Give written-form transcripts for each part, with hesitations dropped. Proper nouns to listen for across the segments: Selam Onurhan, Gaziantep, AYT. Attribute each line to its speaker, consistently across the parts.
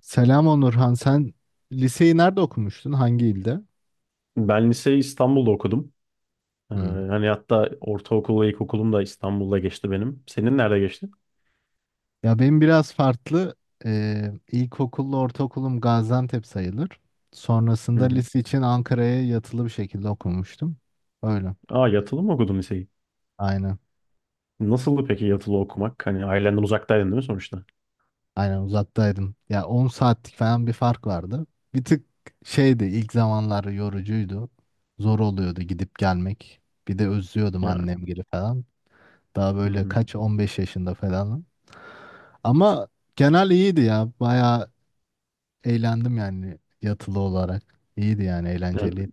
Speaker 1: Selam Onurhan. Sen liseyi nerede okumuştun? Hangi ilde?
Speaker 2: Ben liseyi İstanbul'da okudum.
Speaker 1: Hmm.
Speaker 2: Hani hatta ortaokul ve ilkokulum da İstanbul'da geçti benim. Senin nerede geçti?
Speaker 1: Ya benim biraz farklı. İlkokulla ortaokulum Gaziantep sayılır.
Speaker 2: Hı
Speaker 1: Sonrasında
Speaker 2: hı.
Speaker 1: lise için Ankara'ya yatılı bir şekilde okumuştum. Öyle.
Speaker 2: Aa, yatılı mı okudun liseyi?
Speaker 1: Aynen.
Speaker 2: Nasıldı peki yatılı okumak? Hani ailenden uzaktaydın değil mi sonuçta?
Speaker 1: Aynen uzaktaydım. Ya 10 saatlik falan bir fark vardı. Bir tık şeydi ilk zamanlar yorucuydu. Zor oluyordu gidip gelmek. Bir de özlüyordum
Speaker 2: Yani,
Speaker 1: annemgili falan. Daha
Speaker 2: hı
Speaker 1: böyle
Speaker 2: hı.
Speaker 1: kaç 15 yaşında falan. Ama genel iyiydi ya. Bayağı eğlendim yani yatılı olarak. İyiydi yani
Speaker 2: Yani
Speaker 1: eğlenceliydi.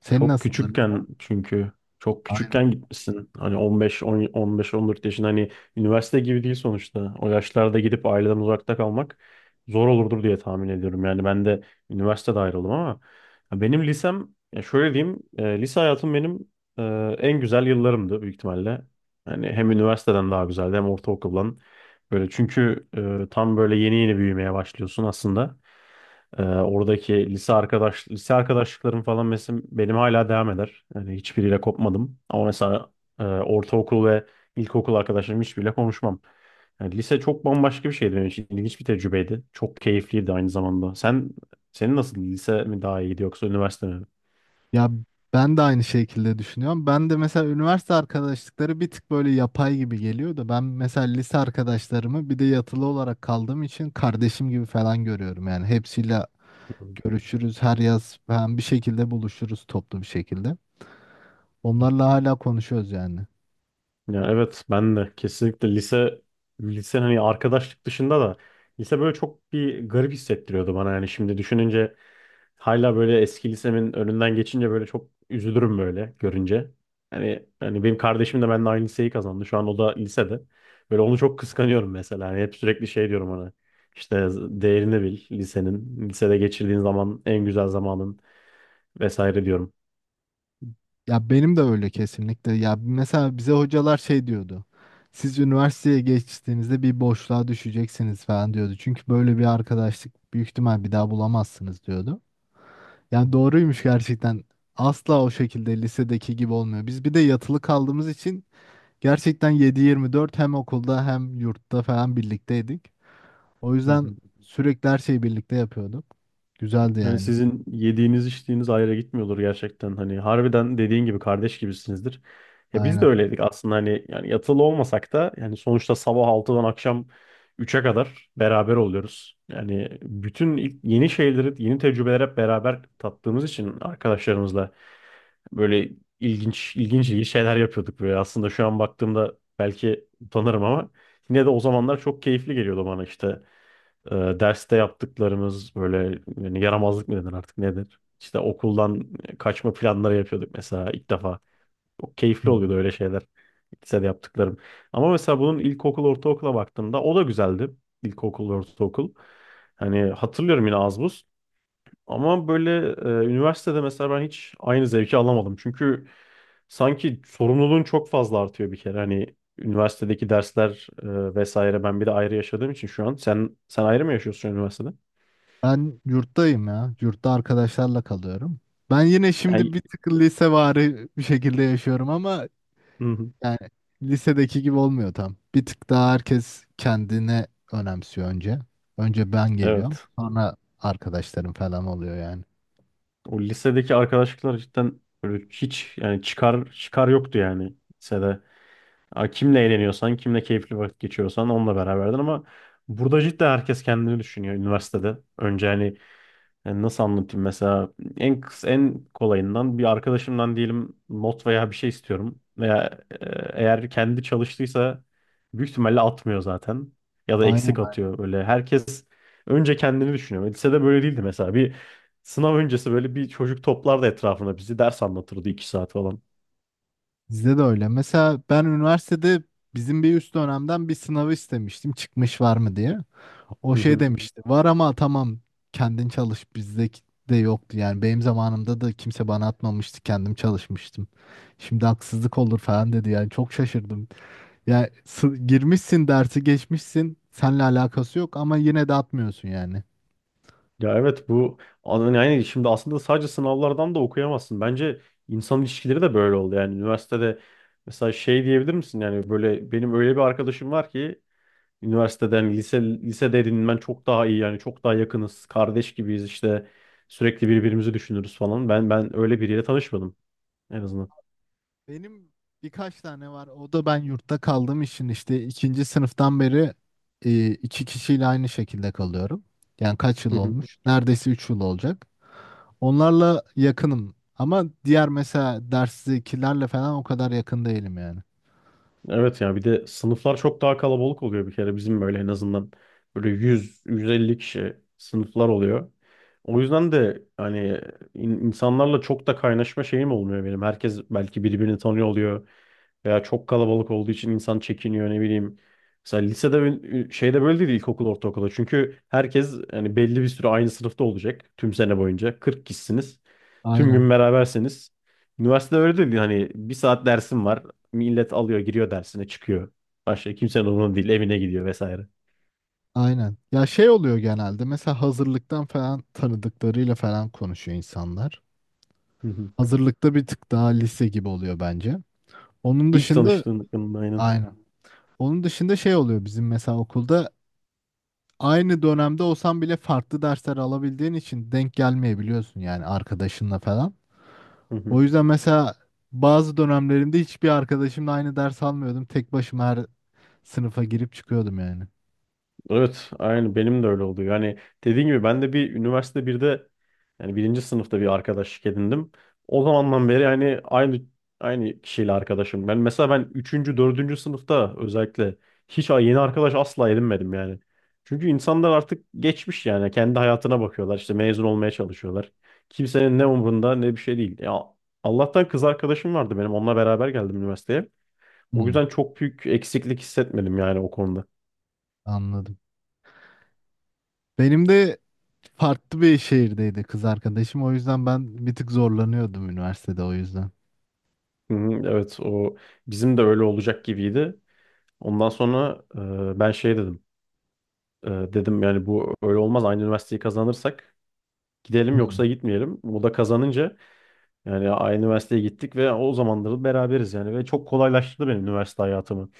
Speaker 1: Senin
Speaker 2: çok
Speaker 1: nasıldı
Speaker 2: küçükken,
Speaker 1: lise?
Speaker 2: çünkü çok
Speaker 1: Aynen.
Speaker 2: küçükken gitmişsin. Hani 15 10 15 14 yaşında, hani üniversite gibi değil sonuçta. O yaşlarda gidip aileden uzakta kalmak zor olurdur diye tahmin ediyorum. Yani ben de üniversitede ayrıldım, ama ya benim lisem, ya şöyle diyeyim, lise hayatım benim en güzel yıllarımdı büyük ihtimalle. Yani hem üniversiteden daha güzeldi, hem ortaokuldan. Böyle çünkü tam böyle yeni yeni büyümeye başlıyorsun aslında. Oradaki lise arkadaşlıklarım falan mesela benim hala devam eder. Yani hiçbiriyle kopmadım. Ama mesela ortaokul ve ilkokul arkadaşlarım, hiçbiriyle konuşmam. Yani lise çok bambaşka bir şeydi benim için. İlginç bir tecrübeydi. Çok keyifliydi aynı zamanda. Senin nasıl, lise mi daha iyiydi yoksa üniversite mi?
Speaker 1: Ya ben de aynı şekilde düşünüyorum. Ben de mesela üniversite arkadaşlıkları bir tık böyle yapay gibi geliyor da ben mesela lise arkadaşlarımı bir de yatılı olarak kaldığım için kardeşim gibi falan görüyorum. Yani hepsiyle görüşürüz her yaz ben bir şekilde buluşuruz toplu bir şekilde. Onlarla hala konuşuyoruz yani.
Speaker 2: Ya evet, ben de kesinlikle lise, hani arkadaşlık dışında da lise böyle çok bir garip hissettiriyordu bana, yani şimdi düşününce. Hala böyle eski lisemin önünden geçince böyle çok üzülürüm böyle görünce. Hani benim kardeşim de benimle aynı liseyi kazandı. Şu an o da lisede. Böyle onu çok kıskanıyorum mesela. Hani hep sürekli şey diyorum ona. İşte değerini bil lisenin. Lisede geçirdiğin zaman en güzel zamanın, vesaire diyorum.
Speaker 1: Ya benim de öyle kesinlikle. Ya mesela bize hocalar şey diyordu. Siz üniversiteye geçtiğinizde bir boşluğa düşeceksiniz falan diyordu. Çünkü böyle bir arkadaşlık büyük ihtimal bir daha bulamazsınız diyordu. Yani doğruymuş gerçekten. Asla o şekilde lisedeki gibi olmuyor. Biz bir de yatılı kaldığımız için gerçekten 7-24 hem okulda hem yurtta falan birlikteydik. O
Speaker 2: Hı
Speaker 1: yüzden
Speaker 2: hı.
Speaker 1: sürekli her şeyi birlikte yapıyorduk. Güzeldi
Speaker 2: Hani
Speaker 1: yani.
Speaker 2: sizin yediğiniz içtiğiniz ayrı gitmiyordur gerçekten. Hani harbiden dediğin gibi kardeş gibisinizdir. Ya biz de
Speaker 1: Aynen.
Speaker 2: öyleydik aslında, hani yani yatılı olmasak da, yani sonuçta sabah 6'dan akşam 3'e kadar beraber oluyoruz. Yani bütün yeni şeyleri, yeni tecrübeler hep beraber tattığımız için arkadaşlarımızla böyle ilginç ilginç şeyler yapıyorduk böyle. Aslında şu an baktığımda belki utanırım ama, yine de o zamanlar çok keyifli geliyordu bana, işte e, derste yaptıklarımız, böyle yani yaramazlık mı denir artık nedir? İşte okuldan kaçma planları yapıyorduk mesela ilk defa. Çok keyifli
Speaker 1: Hı.
Speaker 2: oluyordu öyle şeyler. Lisede yaptıklarım. Ama mesela bunun, ilkokul, ortaokula baktığımda o da güzeldi. İlkokul, ortaokul. Hani hatırlıyorum yine az buz. Ama böyle üniversitede mesela ben hiç aynı zevki alamadım. Çünkü sanki sorumluluğun çok fazla artıyor bir kere. Hani üniversitedeki dersler vesaire, ben bir de ayrı yaşadığım için şu an. Sen ayrı mı yaşıyorsun üniversitede?
Speaker 1: Ben yurttayım ya. Yurtta arkadaşlarla kalıyorum. Ben yine
Speaker 2: Yani,
Speaker 1: şimdi bir tık lisevari bir şekilde yaşıyorum ama
Speaker 2: hı hı.
Speaker 1: yani lisedeki gibi olmuyor tam. Bir tık daha herkes kendine önemsiyor önce. Önce ben geliyorum.
Speaker 2: Evet.
Speaker 1: Sonra arkadaşlarım falan oluyor yani.
Speaker 2: O lisedeki arkadaşlıklar cidden böyle hiç, yani çıkar çıkar yoktu yani lisede. Ya, kimle eğleniyorsan, kimle keyifli vakit geçiriyorsan onunla beraberdin, ama burada cidden herkes kendini düşünüyor üniversitede. Önce hani, yani nasıl anlatayım mesela, en en kolayından, bir arkadaşımdan diyelim not veya bir şey istiyorum, veya eğer kendi çalıştıysa büyük ihtimalle atmıyor zaten, ya da
Speaker 1: Aynen.
Speaker 2: eksik
Speaker 1: aynen.
Speaker 2: atıyor, böyle herkes önce kendini düşünüyor. Lisede böyle değildi mesela, bir sınav öncesi böyle bir çocuk toplardı etrafına bizi, ders anlatırdı 2 saat falan.
Speaker 1: Bizde de öyle. Mesela ben üniversitede bizim bir üst dönemden bir sınavı istemiştim. Çıkmış var mı diye. O
Speaker 2: Hı
Speaker 1: şey
Speaker 2: hı.
Speaker 1: demişti. Var ama tamam kendin çalış bizde de yoktu. Yani benim zamanımda da kimse bana atmamıştı. Kendim çalışmıştım. Şimdi haksızlık olur falan dedi. Yani çok şaşırdım. Girmişsin dersi geçmişsin. Seninle alakası yok ama yine de atmıyorsun yani.
Speaker 2: Ya evet, bu yani şimdi aslında sadece sınavlardan da okuyamazsın. Bence insan ilişkileri de böyle oldu. Yani üniversitede mesela şey diyebilir misin? Yani böyle benim öyle bir arkadaşım var ki üniversiteden, lisede edinmen çok daha iyi, yani çok daha yakınız. Kardeş gibiyiz işte, sürekli birbirimizi düşünürüz falan. Ben öyle biriyle tanışmadım en azından.
Speaker 1: Benim birkaç tane var. O da ben yurtta kaldığım için işte ikinci sınıftan beri iki kişiyle aynı şekilde kalıyorum. Yani kaç yıl olmuş? Neredeyse üç yıl olacak. Onlarla yakınım. Ama diğer mesela derstekilerle falan o kadar yakın değilim yani.
Speaker 2: Evet ya, bir de sınıflar çok daha kalabalık oluyor bir kere, bizim böyle en azından böyle yüz yüz elli kişi sınıflar oluyor. O yüzden de hani insanlarla çok da kaynaşma şeyim olmuyor benim. Herkes belki birbirini tanıyor oluyor. Veya çok kalabalık olduğu için insan çekiniyor ne bileyim. Mesela lisede şeyde böyle değil, ilkokul ortaokulda. Çünkü herkes yani belli bir süre aynı sınıfta olacak tüm sene boyunca. 40 kişisiniz. Tüm
Speaker 1: Aynen.
Speaker 2: gün beraberseniz. Üniversitede öyle değil. Hani bir saat dersim var. Millet alıyor, giriyor dersine, çıkıyor. Başka kimsenin umurunda değil, evine gidiyor vesaire.
Speaker 1: Aynen. Ya şey oluyor genelde mesela hazırlıktan falan tanıdıklarıyla falan konuşuyor insanlar.
Speaker 2: Hı hı.
Speaker 1: Hazırlıkta bir tık daha lise gibi oluyor bence. Onun
Speaker 2: İlk
Speaker 1: dışında
Speaker 2: tanıştığın, aynen.
Speaker 1: aynen. Onun dışında şey oluyor bizim mesela okulda aynı dönemde olsan bile farklı dersler alabildiğin için denk gelmeyebiliyorsun yani arkadaşınla falan.
Speaker 2: Hı hı.
Speaker 1: O yüzden mesela bazı dönemlerimde hiçbir arkadaşımla aynı ders almıyordum. Tek başıma her sınıfa girip çıkıyordum yani.
Speaker 2: Evet, aynı benim de öyle oldu. Yani dediğim gibi ben de bir üniversite, birde yani birinci sınıfta bir arkadaşlık edindim. O zamandan beri yani aynı kişiyle arkadaşım. Ben mesela ben üçüncü, dördüncü sınıfta özellikle hiç yeni arkadaş asla edinmedim yani. Çünkü insanlar artık geçmiş, yani kendi hayatına bakıyorlar, işte mezun olmaya çalışıyorlar. Kimsenin ne umrunda, ne bir şey değil. Ya, Allah'tan kız arkadaşım vardı benim, onunla beraber geldim üniversiteye. O
Speaker 1: Hmm,
Speaker 2: yüzden çok büyük eksiklik hissetmedim yani o konuda.
Speaker 1: anladım. Benim de farklı bir şehirdeydi kız arkadaşım. O yüzden ben bir tık zorlanıyordum üniversitede o yüzden.
Speaker 2: Hı hı, evet, o bizim de öyle olacak gibiydi. Ondan sonra ben şey dedim. Dedim yani bu öyle olmaz. Aynı üniversiteyi kazanırsak gidelim, yoksa
Speaker 1: Hmm,
Speaker 2: gitmeyelim. O da kazanınca yani aynı üniversiteye gittik ve o zamanları beraberiz yani, ve çok kolaylaştırdı benim üniversite hayatımı.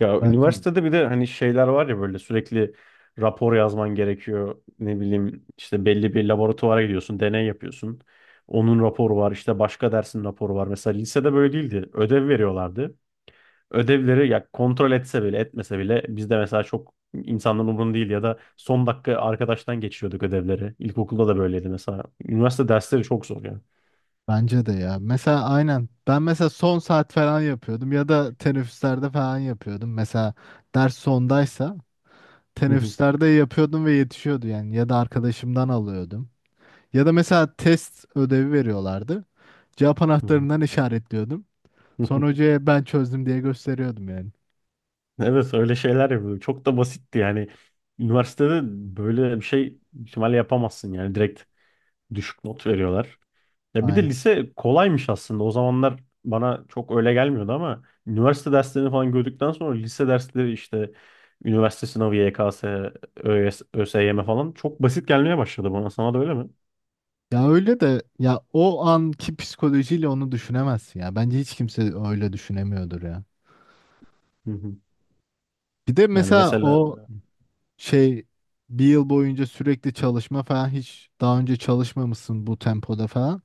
Speaker 2: Ya
Speaker 1: bence de.
Speaker 2: üniversitede bir de hani şeyler var ya, böyle sürekli rapor yazman gerekiyor. Ne bileyim işte belli bir laboratuvara gidiyorsun, deney yapıyorsun. Onun raporu var, işte başka dersin raporu var. Mesela lisede böyle değildi. Ödev veriyorlardı. Ödevleri ya kontrol etse bile etmese bile, bizde mesela çok insanların umurunda değil, ya da son dakika arkadaştan geçiyorduk ödevleri. İlkokulda da böyleydi mesela. Üniversite dersleri çok zor yani.
Speaker 1: Bence de ya. Mesela aynen. Ben mesela son saat falan yapıyordum ya da teneffüslerde falan yapıyordum. Mesela ders sondaysa
Speaker 2: Hı hı,
Speaker 1: teneffüslerde yapıyordum ve yetişiyordu yani. Ya da arkadaşımdan alıyordum. Ya da mesela test ödevi veriyorlardı. Cevap
Speaker 2: hı hı.
Speaker 1: anahtarından işaretliyordum.
Speaker 2: Hı hı.
Speaker 1: Sonra hocaya ben çözdüm diye gösteriyordum yani.
Speaker 2: Evet, öyle şeyler yapıyorduk. Çok da basitti yani. Üniversitede böyle bir şey ihtimalle yapamazsın yani. Direkt düşük not veriyorlar. Ya bir de
Speaker 1: Aynen.
Speaker 2: lise kolaymış aslında. O zamanlar bana çok öyle gelmiyordu ama üniversite derslerini falan gördükten sonra lise dersleri, işte üniversite sınavı, YKS, ÖS, ÖSYM falan çok basit gelmeye başladı bana. Sana da öyle mi?
Speaker 1: Ya öyle de ya o anki psikolojiyle onu düşünemezsin ya. Bence hiç kimse öyle düşünemiyordur ya.
Speaker 2: Hı hı.
Speaker 1: Bir de
Speaker 2: Yani
Speaker 1: mesela
Speaker 2: mesela
Speaker 1: o şey bir yıl boyunca sürekli çalışma falan hiç daha önce çalışmamışsın bu tempoda falan.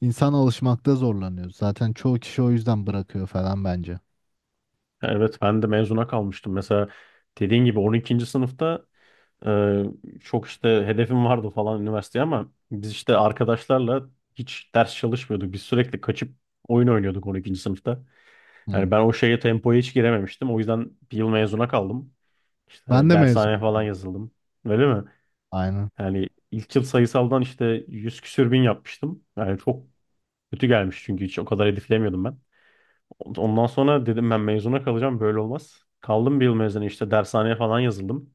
Speaker 1: İnsan alışmakta zorlanıyor. Zaten çoğu kişi o yüzden bırakıyor falan bence.
Speaker 2: evet, ben de mezuna kalmıştım. Mesela dediğin gibi 12. sınıfta e, çok işte hedefim vardı falan üniversiteye, ama biz işte arkadaşlarla hiç ders çalışmıyorduk. Biz sürekli kaçıp oyun oynuyorduk 12. sınıfta. Yani
Speaker 1: Hı.
Speaker 2: ben o şeye, tempoya hiç girememiştim. O yüzden bir yıl mezuna kaldım.
Speaker 1: Ben
Speaker 2: İşte
Speaker 1: de mezun
Speaker 2: dershaneye falan
Speaker 1: oldum.
Speaker 2: yazıldım. Öyle mi?
Speaker 1: Aynen.
Speaker 2: Yani ilk yıl sayısaldan işte 100 küsür bin yapmıştım. Yani çok kötü gelmiş çünkü hiç o kadar hedeflemiyordum ben. Ondan sonra dedim ben mezuna kalacağım, böyle olmaz. Kaldım bir yıl mezuna, işte dershaneye falan yazıldım.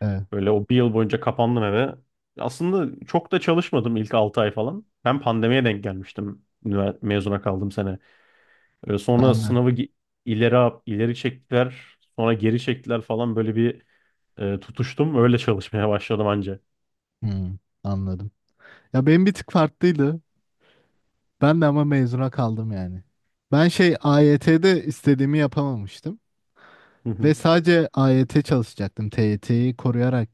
Speaker 1: Evet.
Speaker 2: Böyle o bir yıl boyunca kapandım eve. Aslında çok da çalışmadım ilk 6 ay falan. Ben pandemiye denk gelmiştim mezuna kaldığım sene. Sonra
Speaker 1: Ben de.
Speaker 2: sınavı ileri ileri çektiler, sonra geri çektiler falan, böyle bir tutuştum. Öyle çalışmaya başladım anca.
Speaker 1: Hmm, anladım. Ya benim bir tık farklıydı. Ben de ama mezuna kaldım yani. Ben şey AYT'de istediğimi yapamamıştım.
Speaker 2: Hı
Speaker 1: Ve
Speaker 2: hı,
Speaker 1: sadece AYT çalışacaktım. TYT'yi koruyarak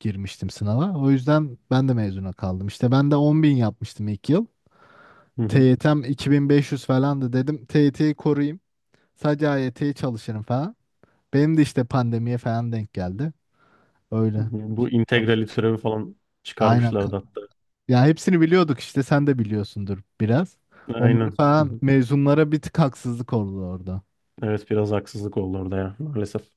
Speaker 1: girmiştim sınava. O yüzden ben de mezuna kaldım. İşte ben de 10 bin yapmıştım ilk yıl.
Speaker 2: hı hı,
Speaker 1: TYT'm 2500 falandı dedim. TYT'yi koruyayım. Sadece AYT'yi çalışırım falan. Benim de işte pandemiye falan denk geldi.
Speaker 2: hı
Speaker 1: Öyle.
Speaker 2: hı. Bu
Speaker 1: Çalış.
Speaker 2: integrali türevi falan
Speaker 1: Aynen.
Speaker 2: çıkarmışlardı hatta.
Speaker 1: Ya hepsini biliyorduk işte sen de biliyorsundur biraz. Onları
Speaker 2: Aynen. Hı
Speaker 1: falan
Speaker 2: hı.
Speaker 1: mezunlara bir tık haksızlık oldu orada.
Speaker 2: Evet biraz haksızlık oldu orada ya, maalesef.